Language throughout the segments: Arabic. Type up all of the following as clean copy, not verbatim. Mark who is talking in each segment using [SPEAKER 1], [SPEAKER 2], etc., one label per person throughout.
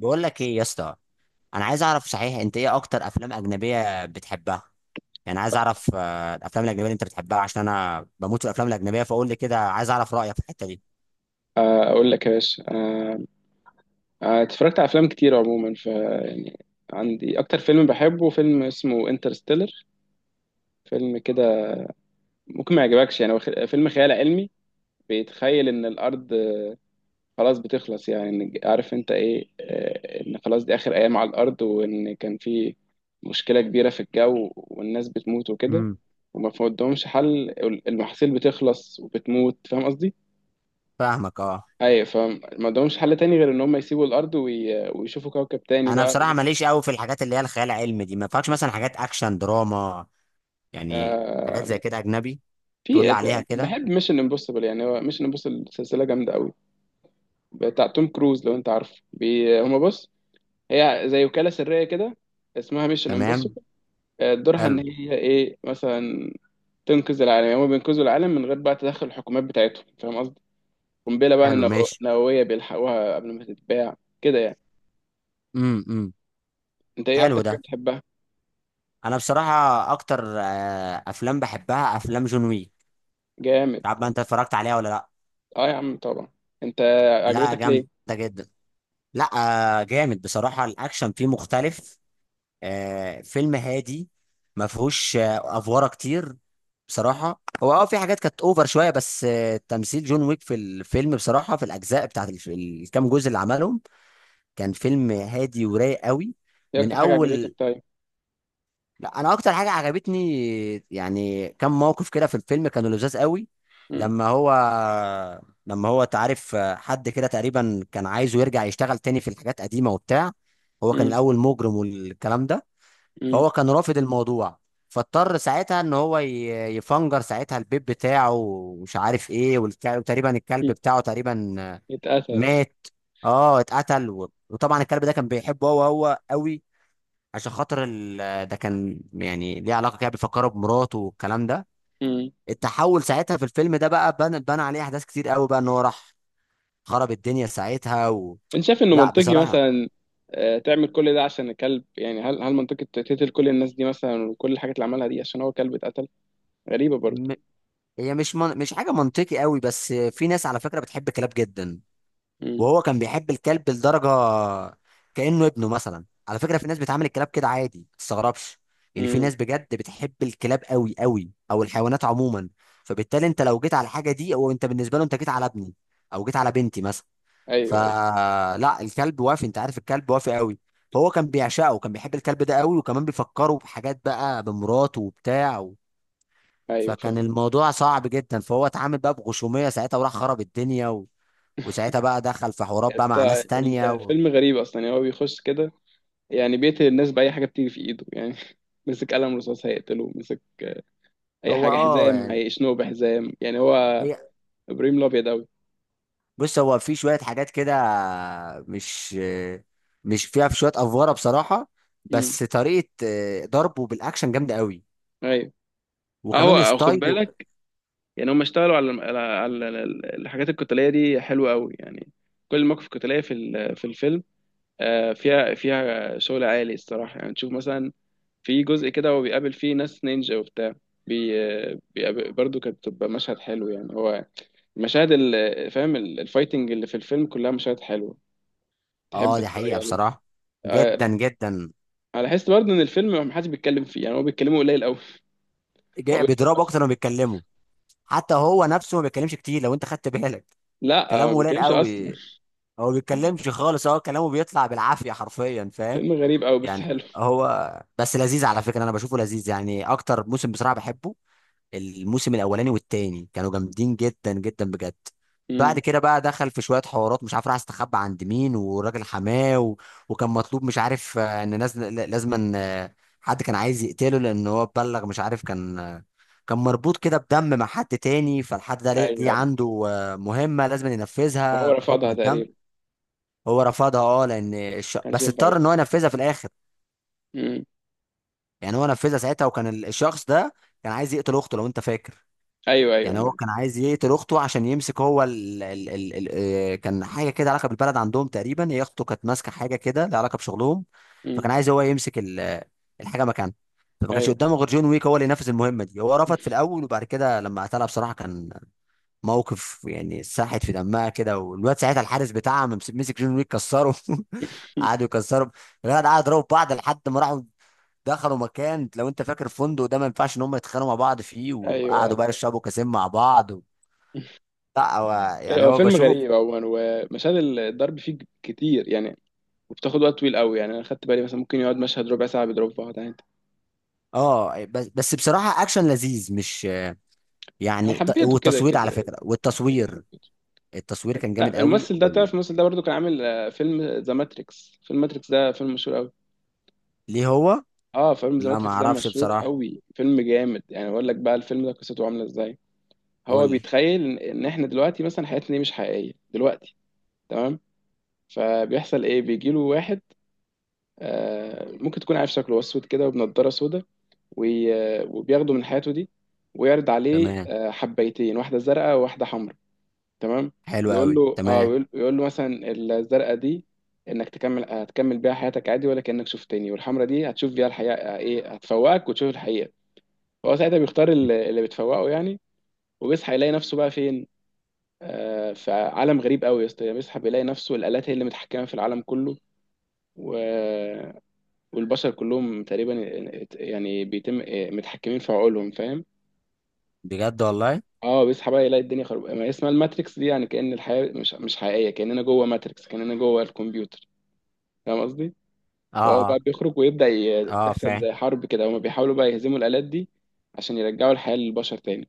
[SPEAKER 1] بقول لك ايه يا اسطى. انا عايز اعرف صحيح، انت ايه اكتر افلام اجنبيه بتحبها؟ يعني عايز اعرف الافلام الاجنبيه اللي انت بتحبها، عشان انا بموت في الافلام الاجنبيه، فقول لي كده، عايز اعرف رايك في الحته دي.
[SPEAKER 2] اقول لك يا باشا اتفرجت على افلام كتير عموما ف يعني عندي اكتر فيلم بحبه، فيلم اسمه انترستيلر. فيلم كده ممكن ما يعجبكش، يعني هو فيلم خيال علمي. بيتخيل ان الارض خلاص بتخلص، يعني عارف انت ايه، ان خلاص دي اخر ايام على الارض، وان كان في مشكلة كبيرة في الجو والناس بتموت وكده،
[SPEAKER 1] امم.
[SPEAKER 2] وما فيهمش حل. المحاصيل بتخلص وبتموت. فاهم قصدي؟
[SPEAKER 1] فاهمك، اه.
[SPEAKER 2] ايوه. فما عندهمش حل تاني غير ان هم يسيبوا الارض ويشوفوا كوكب تاني
[SPEAKER 1] انا
[SPEAKER 2] بقى
[SPEAKER 1] بصراحه
[SPEAKER 2] إيه.
[SPEAKER 1] ماليش قوي في الحاجات اللي هي الخيال العلمي دي، ما فيهاش مثلا حاجات اكشن، دراما يعني، حاجات
[SPEAKER 2] آه
[SPEAKER 1] زي كده اجنبي تقول لي
[SPEAKER 2] في.
[SPEAKER 1] عليها كده.
[SPEAKER 2] بحب ميشن امبوسيبل، يعني هو ميشن امبوسيبل سلسله جامده قوي، بتاع توم كروز لو انت عارف. بي هما بص، هي زي وكاله سريه كده، اسمها ميشن
[SPEAKER 1] تمام.
[SPEAKER 2] امبوسيبل. دورها ان
[SPEAKER 1] حلو.
[SPEAKER 2] هي ايه مثلا، تنقذ العالم. يعني هما بينقذوا العالم من غير بقى تدخل الحكومات بتاعتهم، فاهم قصدي. قنبله بقى
[SPEAKER 1] حلو، ماشي.
[SPEAKER 2] نوويه بيلحقوها قبل ما تتباع كده يعني.
[SPEAKER 1] امم، امم.
[SPEAKER 2] انت ايه
[SPEAKER 1] حلو
[SPEAKER 2] اكتر حاجه
[SPEAKER 1] ده.
[SPEAKER 2] بتحبها؟
[SPEAKER 1] انا بصراحه اكتر افلام بحبها افلام جون ويك.
[SPEAKER 2] جامد.
[SPEAKER 1] مش عارف بقى انت اتفرجت عليها ولا لا.
[SPEAKER 2] اه يا عم طبعا. انت،
[SPEAKER 1] لا
[SPEAKER 2] عجبتك ليه؟
[SPEAKER 1] جامده جدا. لا. جامد بصراحة، الأكشن فيه مختلف. فيلم هادي. ما فيهوش أفوارة كتير. بصراحة هو في حاجات كانت أوفر شوية، بس تمثيل جون ويك في الفيلم بصراحة، في الأجزاء بتاعت الكام جزء اللي عملهم كان فيلم هادي ورايق قوي.
[SPEAKER 2] ايه
[SPEAKER 1] من
[SPEAKER 2] اكتر حاجه عجبتك
[SPEAKER 1] أول،
[SPEAKER 2] طيب؟
[SPEAKER 1] لا، انا اكتر حاجه عجبتني يعني كم موقف كده في الفيلم كانوا لذاذ قوي.
[SPEAKER 2] امم.
[SPEAKER 1] لما هو، لما هو تعرف حد كده تقريبا كان عايزه يرجع يشتغل تاني في الحاجات قديمه وبتاع. هو كان
[SPEAKER 2] امم.
[SPEAKER 1] الاول مجرم والكلام ده.
[SPEAKER 2] امم.
[SPEAKER 1] فهو كان رافض الموضوع، فاضطر ساعتها ان هو يفنجر ساعتها البيت بتاعه، ومش عارف ايه، وتقريبا الكلب بتاعه تقريبا
[SPEAKER 2] اتقتل.
[SPEAKER 1] مات. اه، اتقتل. وطبعا الكلب ده كان بيحبه هو هو قوي، عشان خاطر ده، كان يعني ليه علاقه كده، بيفكروا بمراته والكلام ده. التحول ساعتها في الفيلم ده بقى بنى عليه احداث كتير قوي بقى، ان هو راح خرب الدنيا ساعتها.
[SPEAKER 2] انت شايف انه
[SPEAKER 1] لا
[SPEAKER 2] منطقي
[SPEAKER 1] بصراحه.
[SPEAKER 2] مثلا؟ تعمل كل ده عشان الكلب؟ يعني هل منطقي تقتل كل الناس دي مثلا، وكل الحاجات اللي عملها دي، عشان هو كلب اتقتل؟ غريبة برضه.
[SPEAKER 1] م... هي مش حاجه منطقي قوي، بس في ناس على فكره بتحب كلاب جدا.
[SPEAKER 2] امم.
[SPEAKER 1] وهو كان بيحب الكلب لدرجه كانه ابنه مثلا. على فكره، في ناس بتعامل الكلاب كده عادي، ما تستغربش. يعني في
[SPEAKER 2] امم.
[SPEAKER 1] ناس بجد بتحب الكلاب قوي قوي، او الحيوانات عموما. فبالتالي انت لو جيت على الحاجه دي، او انت بالنسبه له انت جيت على ابني، او جيت على بنتي مثلا.
[SPEAKER 2] ايوه ايوه.
[SPEAKER 1] فلا، الكلب وافي، انت عارف الكلب وافي قوي، فهو كان بيعشقه وكان بيحب الكلب ده قوي، وكمان بيفكره بحاجات بقى بمراته وبتاع.
[SPEAKER 2] ايوه
[SPEAKER 1] فكان
[SPEAKER 2] فاهم.
[SPEAKER 1] الموضوع صعب جدا، فهو اتعامل بقى بغشوميه ساعتها وراح خرب الدنيا، وساعتها بقى دخل في حوارات
[SPEAKER 2] يعني
[SPEAKER 1] بقى مع
[SPEAKER 2] أنت،
[SPEAKER 1] ناس تانية.
[SPEAKER 2] الفيلم غريب اصلا، يعني هو بيخش كده يعني بيقتل الناس بأي حاجة بتيجي في ايده يعني. مسك قلم رصاص هيقتله، مسك اي
[SPEAKER 1] هو
[SPEAKER 2] حاجة، حزام
[SPEAKER 1] يعني،
[SPEAKER 2] هيشنقه بحزام يعني. هو
[SPEAKER 1] هي،
[SPEAKER 2] ابراهيم الابيض اوي.
[SPEAKER 1] بص، هو في شوية حاجات كده مش مش فيها، في شوية أفوارة بصراحة،
[SPEAKER 2] امم.
[SPEAKER 1] بس طريقة ضربه بالأكشن جامدة قوي،
[SPEAKER 2] ايوه.
[SPEAKER 1] وكمان
[SPEAKER 2] اهو خد
[SPEAKER 1] ستايله.
[SPEAKER 2] بالك، يعني هم اشتغلوا على على الحاجات القتاليه دي حلوه قوي يعني. كل المواقف القتاليه في الفيلم فيها شغل عالي الصراحه، يعني تشوف مثلا في جزء كده هو بيقابل فيه ناس نينجا وبتاع. بي بيقابل برضه، كانت بتبقى مشهد حلو يعني. هو المشاهد فاهم الفايتنج اللي في الفيلم كلها مشاهد حلوه
[SPEAKER 1] اه،
[SPEAKER 2] تحب
[SPEAKER 1] دي
[SPEAKER 2] تتفرج
[SPEAKER 1] حقيقة
[SPEAKER 2] عليه.
[SPEAKER 1] بصراحة،
[SPEAKER 2] آه،
[SPEAKER 1] جدا
[SPEAKER 2] لا،
[SPEAKER 1] جدا.
[SPEAKER 2] انا لاحظت برضه ان الفيلم ما حدش بيتكلم فيه، يعني هو بيتكلموا قليل قوي. هو
[SPEAKER 1] جاي
[SPEAKER 2] بيضرب
[SPEAKER 1] بيضربه
[SPEAKER 2] بس.
[SPEAKER 1] أكتر ما بيتكلمه، حتى هو نفسه ما بيتكلمش كتير لو أنت خدت بالك،
[SPEAKER 2] لا، ما
[SPEAKER 1] كلامه قليل
[SPEAKER 2] بيتكلمش اصلا.
[SPEAKER 1] قوي، هو ما بيتكلمش خالص، هو كلامه بيطلع بالعافية حرفيا، فاهم؟
[SPEAKER 2] فيلم غريب قوي بس
[SPEAKER 1] يعني
[SPEAKER 2] حلو.
[SPEAKER 1] هو بس لذيذ، على فكره انا بشوفه لذيذ، يعني اكتر موسم بصراحه بحبه الموسم الاولاني والتاني، كانوا جامدين جدا جدا بجد.
[SPEAKER 2] امم.
[SPEAKER 1] بعد كده بقى دخل في شويه حوارات، مش عارف راح استخبى عند مين وراجل حماه. وكان مطلوب، مش عارف، ان ناس لازم أن، حد كان عايز يقتله لان هو اتبلغ، مش عارف، كان كان مربوط كده بدم مع حد تاني، فالحد ده
[SPEAKER 2] ايوه
[SPEAKER 1] ليه
[SPEAKER 2] أيوه.
[SPEAKER 1] عنده مهمه لازم ينفذها
[SPEAKER 2] وهو
[SPEAKER 1] بحكم
[SPEAKER 2] رفضها
[SPEAKER 1] الدم.
[SPEAKER 2] تقريبا.
[SPEAKER 1] هو رفضها، اه، لان
[SPEAKER 2] كانش
[SPEAKER 1] بس
[SPEAKER 2] ينفع
[SPEAKER 1] اضطر ان
[SPEAKER 2] يرفض.
[SPEAKER 1] هو ينفذها في الاخر.
[SPEAKER 2] مم.
[SPEAKER 1] يعني هو نفذها ساعتها، وكان الشخص ده كان عايز يقتل اخته لو انت فاكر.
[SPEAKER 2] ايوه ايوه
[SPEAKER 1] يعني
[SPEAKER 2] انا
[SPEAKER 1] هو كان
[SPEAKER 2] عارف.
[SPEAKER 1] عايز يقتل اخته، عشان يمسك هو ال ال ال ال كان حاجه كده علاقه بالبلد عندهم تقريبا، هي اخته كانت ماسكه حاجه كده لها علاقه بشغلهم،
[SPEAKER 2] مم.
[SPEAKER 1] فكان عايز هو يمسك الحاجه مكانها. فما كانش
[SPEAKER 2] ايوه
[SPEAKER 1] قدامه غير جون ويك هو اللي ينفذ المهمه دي. هو رفض في الاول، وبعد كده لما قتلها بصراحه، كان موقف، يعني ساحت في دمها كده، والواد ساعتها الحارس بتاعها مسك جون ويك، كسره قعدوا يكسروا، الولد قعد يضربوا في بعض لحد ما راحوا دخلوا مكان، لو انت فاكر، فندق ده ما ينفعش ان هم يتخانقوا مع بعض فيه،
[SPEAKER 2] ايوه.
[SPEAKER 1] وقعدوا بقى يشربوا كاسين مع بعض. لا، هو يعني
[SPEAKER 2] هو
[SPEAKER 1] هو
[SPEAKER 2] فيلم
[SPEAKER 1] بشوفه.
[SPEAKER 2] غريب عموما، ومشاهد الضرب فيه كتير يعني، وبتاخد وقت طويل قوي. يعني انا خدت بالي مثلا ممكن يقعد مشهد ربع ساعه بيضرب في واحد عادي.
[SPEAKER 1] اه، بس بصراحه اكشن لذيذ، مش
[SPEAKER 2] انا
[SPEAKER 1] يعني
[SPEAKER 2] حبيته كده
[SPEAKER 1] والتصوير على
[SPEAKER 2] كده،
[SPEAKER 1] فكره،
[SPEAKER 2] كده كده
[SPEAKER 1] والتصوير
[SPEAKER 2] حبيته.
[SPEAKER 1] التصوير كان جامد قوي
[SPEAKER 2] الممثل ده،
[SPEAKER 1] وال...
[SPEAKER 2] تعرف الممثل ده برضو كان عامل فيلم ذا ماتريكس. فيلم ماتريكس ده فيلم مشهور قوي.
[SPEAKER 1] ليه هو؟
[SPEAKER 2] اه فيلم ذا
[SPEAKER 1] لا ما
[SPEAKER 2] ماتريكس ده
[SPEAKER 1] اعرفش
[SPEAKER 2] مشهور
[SPEAKER 1] بصراحه.
[SPEAKER 2] قوي، فيلم جامد. يعني اقول لك بقى الفيلم ده قصته عامله ازاي. هو
[SPEAKER 1] قول لي.
[SPEAKER 2] بيتخيل ان إن احنا دلوقتي مثلا حياتنا دي مش حقيقيه دلوقتي. تمام. فبيحصل ايه، بيجي له واحد، ممكن تكون عارف شكله، هو اسود كده وبنضاره سودا، وبياخده من حياته دي، ويعرض عليه
[SPEAKER 1] تمام.
[SPEAKER 2] حبيتين، واحده زرقاء وواحده حمراء. تمام.
[SPEAKER 1] حلو
[SPEAKER 2] ويقول
[SPEAKER 1] قوي،
[SPEAKER 2] له اه،
[SPEAKER 1] تمام.
[SPEAKER 2] ويقول يقول له مثلا الزرقاء دي انك تكمل، هتكمل بيها حياتك عادي ولا كانك شفتني، والحمراء دي هتشوف بيها الحقيقه، ايه هتفوقك وتشوف الحقيقه. فهو ساعتها بيختار اللي بتفوقه يعني، وبيصحى يلاقي نفسه بقى فين. فعالم غريب قوي يا اسطى. بيصحى بيلاقي نفسه الآلات هي اللي متحكمة في العالم كله، و... والبشر كلهم تقريبا يعني بيتم متحكمين في عقولهم، فاهم.
[SPEAKER 1] بجد والله.
[SPEAKER 2] اه بيصحى بقى يلاقي الدنيا خرب، ما هي اسمها الماتريكس دي، يعني كأن الحياة مش حقيقية، كأننا جوه ماتريكس، كأننا جوه الكمبيوتر، فاهم قصدي.
[SPEAKER 1] اه.
[SPEAKER 2] فهو بقى
[SPEAKER 1] اه،
[SPEAKER 2] بيخرج ويبدأ
[SPEAKER 1] اه،
[SPEAKER 2] تحصل
[SPEAKER 1] فاهم.
[SPEAKER 2] زي حرب كده، هما بيحاولوا بقى يهزموا الآلات دي عشان يرجعوا الحياة للبشر تاني.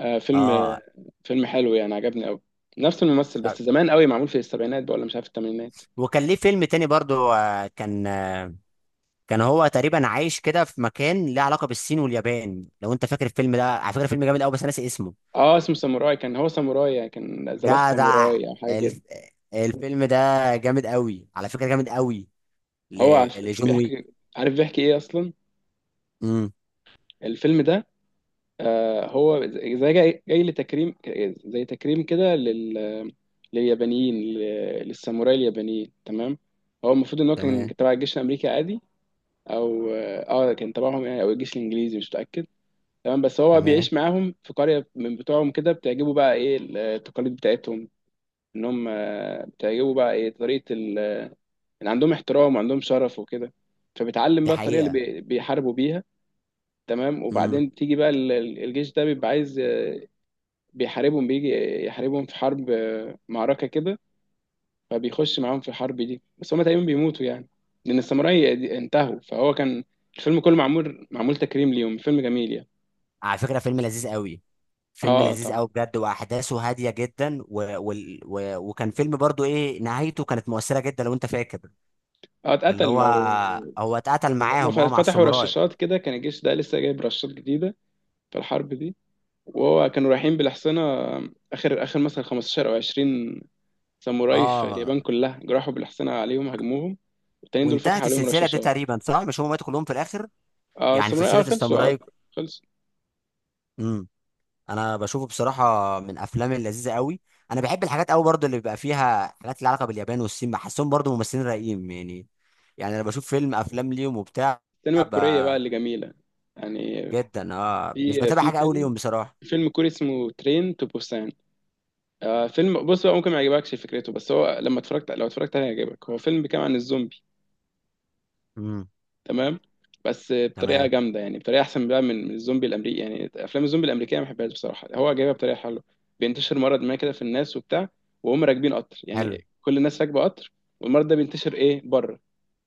[SPEAKER 2] آه فيلم،
[SPEAKER 1] اه،
[SPEAKER 2] فيلم حلو يعني، عجبني قوي. نفس الممثل
[SPEAKER 1] طب.
[SPEAKER 2] بس زمان قوي، معمول في السبعينات بقى ولا مش عارف الثمانينات.
[SPEAKER 1] وكان ليه فيلم تاني برضو، كان هو تقريبا عايش كده في مكان ليه علاقه بالصين واليابان، لو انت فاكر الفيلم ده، على فكره فيلم جامد قوي، بس انا ناسي اسمه.
[SPEAKER 2] اه اسمه ساموراي، كان هو ساموراي يعني، كان ذا لاست
[SPEAKER 1] جدع.
[SPEAKER 2] ساموراي او حاجه كده.
[SPEAKER 1] الف... الفيلم ده جامد قوي على فكره، جامد قوي. ل...
[SPEAKER 2] هو عارف-
[SPEAKER 1] لجون ويك.
[SPEAKER 2] بيحكي، عارف بيحكي ايه اصلا
[SPEAKER 1] امم.
[SPEAKER 2] الفيلم ده. آه هو زي جاي لتكريم، زي تكريم كده لل... لليابانيين، للساموراي اليابانيين. تمام. هو المفروض ان هو كان
[SPEAKER 1] تمام.
[SPEAKER 2] تبع الجيش الامريكي عادي، او كان تبعهم يعني، او الجيش الانجليزي مش متاكد. تمام. بس هو
[SPEAKER 1] تمام.
[SPEAKER 2] بيعيش معاهم في قريه من بتوعهم كده، بتعجبه بقى ايه التقاليد بتاعتهم، ان هم بتعجبه بقى ايه طريقه، يعني عندهم احترام وعندهم شرف وكده. فبتعلم
[SPEAKER 1] دي
[SPEAKER 2] بقى الطريقه اللي
[SPEAKER 1] حقيقه.
[SPEAKER 2] بيحاربوا بيها. تمام.
[SPEAKER 1] امم.
[SPEAKER 2] وبعدين تيجي بقى الجيش ده بيبقى عايز بيحاربهم. بيجي يحاربهم في حرب معركه كده. فبيخش معاهم في الحرب دي، بس هما تقريبا بيموتوا يعني، لان الساموراي انتهوا. فهو كان الفيلم كله معمول، معمول تكريم ليهم. فيلم جميل يعني.
[SPEAKER 1] على فكره فيلم لذيذ قوي، فيلم
[SPEAKER 2] اه
[SPEAKER 1] لذيذ
[SPEAKER 2] طبعا.
[SPEAKER 1] قوي بجد، واحداثه هاديه جدا. وكان فيلم برضو، ايه، نهايته كانت مؤثره جدا لو انت فاكر،
[SPEAKER 2] اه
[SPEAKER 1] اللي
[SPEAKER 2] اتقتل
[SPEAKER 1] هو
[SPEAKER 2] ما هو.
[SPEAKER 1] هو اتقتل
[SPEAKER 2] هما
[SPEAKER 1] معاهم، اه، مع
[SPEAKER 2] فتحوا
[SPEAKER 1] الساموراي.
[SPEAKER 2] رشاشات كده، كان الجيش ده لسه جايب رشاشات جديده في الحرب دي. وهو كانوا رايحين بالحصينة، آخر آخر مثلا 15 أو 20 ساموراي في
[SPEAKER 1] اه.
[SPEAKER 2] اليابان كلها، جرحوا بالحصينة عليهم هاجموهم. التانيين دول فتحوا
[SPEAKER 1] وانتهت
[SPEAKER 2] عليهم
[SPEAKER 1] السلسله دي
[SPEAKER 2] رشاشات.
[SPEAKER 1] تقريبا صح، مش هم ماتوا كلهم في الاخر؟
[SPEAKER 2] اه
[SPEAKER 1] يعني
[SPEAKER 2] الساموراي
[SPEAKER 1] سلسله
[SPEAKER 2] اه خلصوا، اه
[SPEAKER 1] الساموراي.
[SPEAKER 2] خلصوا.
[SPEAKER 1] امم. انا بشوفه بصراحه من افلام اللذيذه قوي. انا بحب الحاجات قوي برضو اللي بيبقى فيها حاجات لها علاقه باليابان والصين، بحسهم برضو ممثلين رايقين يعني، يعني انا بشوف فيلم افلام ليهم وبتاع.
[SPEAKER 2] السينما
[SPEAKER 1] ب...
[SPEAKER 2] الكورية بقى اللي جميلة، يعني
[SPEAKER 1] جدا، اه، مش
[SPEAKER 2] في
[SPEAKER 1] بتابع حاجه قوي
[SPEAKER 2] فيلم،
[SPEAKER 1] ليهم بصراحه.
[SPEAKER 2] فيلم كوري اسمه ترين تو بوسان. آه فيلم، بص بقى ممكن ما يعجبكش فكرته، بس هو لما اتفرجت، لو اتفرجت عليه هيعجبك. هو فيلم بيتكلم عن الزومبي،
[SPEAKER 1] امم.
[SPEAKER 2] تمام، بس بطريقه
[SPEAKER 1] تمام.
[SPEAKER 2] جامده يعني، بطريقه احسن بقى من الزومبي الامريكي. يعني افلام الزومبي الامريكيه ما بحبهاش بصراحه، هو جايبها بطريقه حلوه. بينتشر مرض ما كده في الناس وبتاع، وهم راكبين قطر
[SPEAKER 1] حلو.
[SPEAKER 2] يعني كل الناس راكبه قطر، والمرض ده بينتشر ايه بره.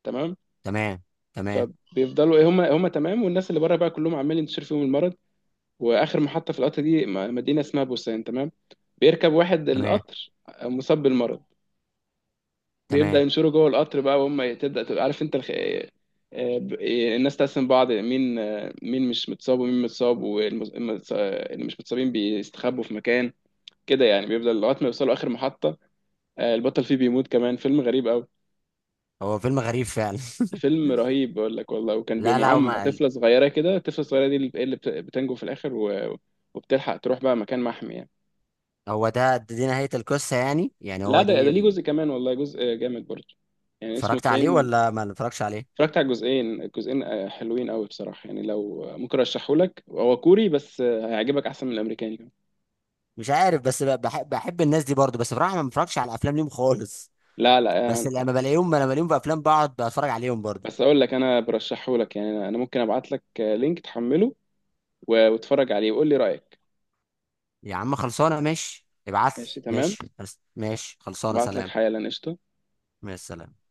[SPEAKER 2] تمام.
[SPEAKER 1] تمام، تمام.
[SPEAKER 2] فبيفضلوا ايه هم تمام، والناس اللي بره بقى كلهم عمال ينتشر فيهم المرض. واخر محطه في القطر دي مدينه اسمها بوسان. تمام. بيركب واحد
[SPEAKER 1] تمام،
[SPEAKER 2] القطر مصاب بالمرض، بيبدأ
[SPEAKER 1] تمام.
[SPEAKER 2] ينشروا جوه القطر بقى، وهم تبدأ تبقى عارف انت الناس تقسم بعض مين مين مش متصاب ومين متصاب، واللي مش متصابين بيستخبوا في مكان كده يعني. بيبدأ لغاية ما يوصلوا آخر محطة، البطل فيه بيموت كمان. فيلم غريب أوي،
[SPEAKER 1] هو فيلم غريب فعلا.
[SPEAKER 2] فيلم رهيب بقول لك والله. وكان
[SPEAKER 1] لا
[SPEAKER 2] بيبقى
[SPEAKER 1] لا، هو
[SPEAKER 2] معاهم
[SPEAKER 1] ما
[SPEAKER 2] طفلة صغيرة كده، الطفلة الصغيرة دي اللي بتنجو في الآخر، و- وبتلحق تروح بقى مكان محمي يعني.
[SPEAKER 1] هو ده دي نهاية القصة، يعني
[SPEAKER 2] لا
[SPEAKER 1] هو
[SPEAKER 2] ده
[SPEAKER 1] دي؟
[SPEAKER 2] ده ليه جزء كمان والله، جزء جامد برضه يعني، اسمه
[SPEAKER 1] اتفرجت عليه
[SPEAKER 2] ترين.
[SPEAKER 1] ولا ما اتفرجش عليه؟
[SPEAKER 2] اتفرجت على الجزئين، الجزئين حلوين قوي بصراحه يعني. لو ممكن ارشحهولك، هو كوري بس هيعجبك احسن من الامريكاني كمان.
[SPEAKER 1] مش عارف، بس بحب الناس دي برضو، بس بصراحه ما بتفرجش على افلام ليهم خالص،
[SPEAKER 2] لا لا
[SPEAKER 1] بس لما بلاقيهم في افلام بقعد بتفرج عليهم برضو.
[SPEAKER 2] بس اقول لك، انا برشحهولك يعني. انا ممكن ابعت لك لينك تحمله و- واتفرج عليه وقول لي رايك.
[SPEAKER 1] يا عم خلصانه، ماشي، ابعت لي،
[SPEAKER 2] ماشي تمام،
[SPEAKER 1] ماشي. ماشي، خلصانه،
[SPEAKER 2] ابعت لك
[SPEAKER 1] سلام.
[SPEAKER 2] حالا قشطه.
[SPEAKER 1] مع السلامه.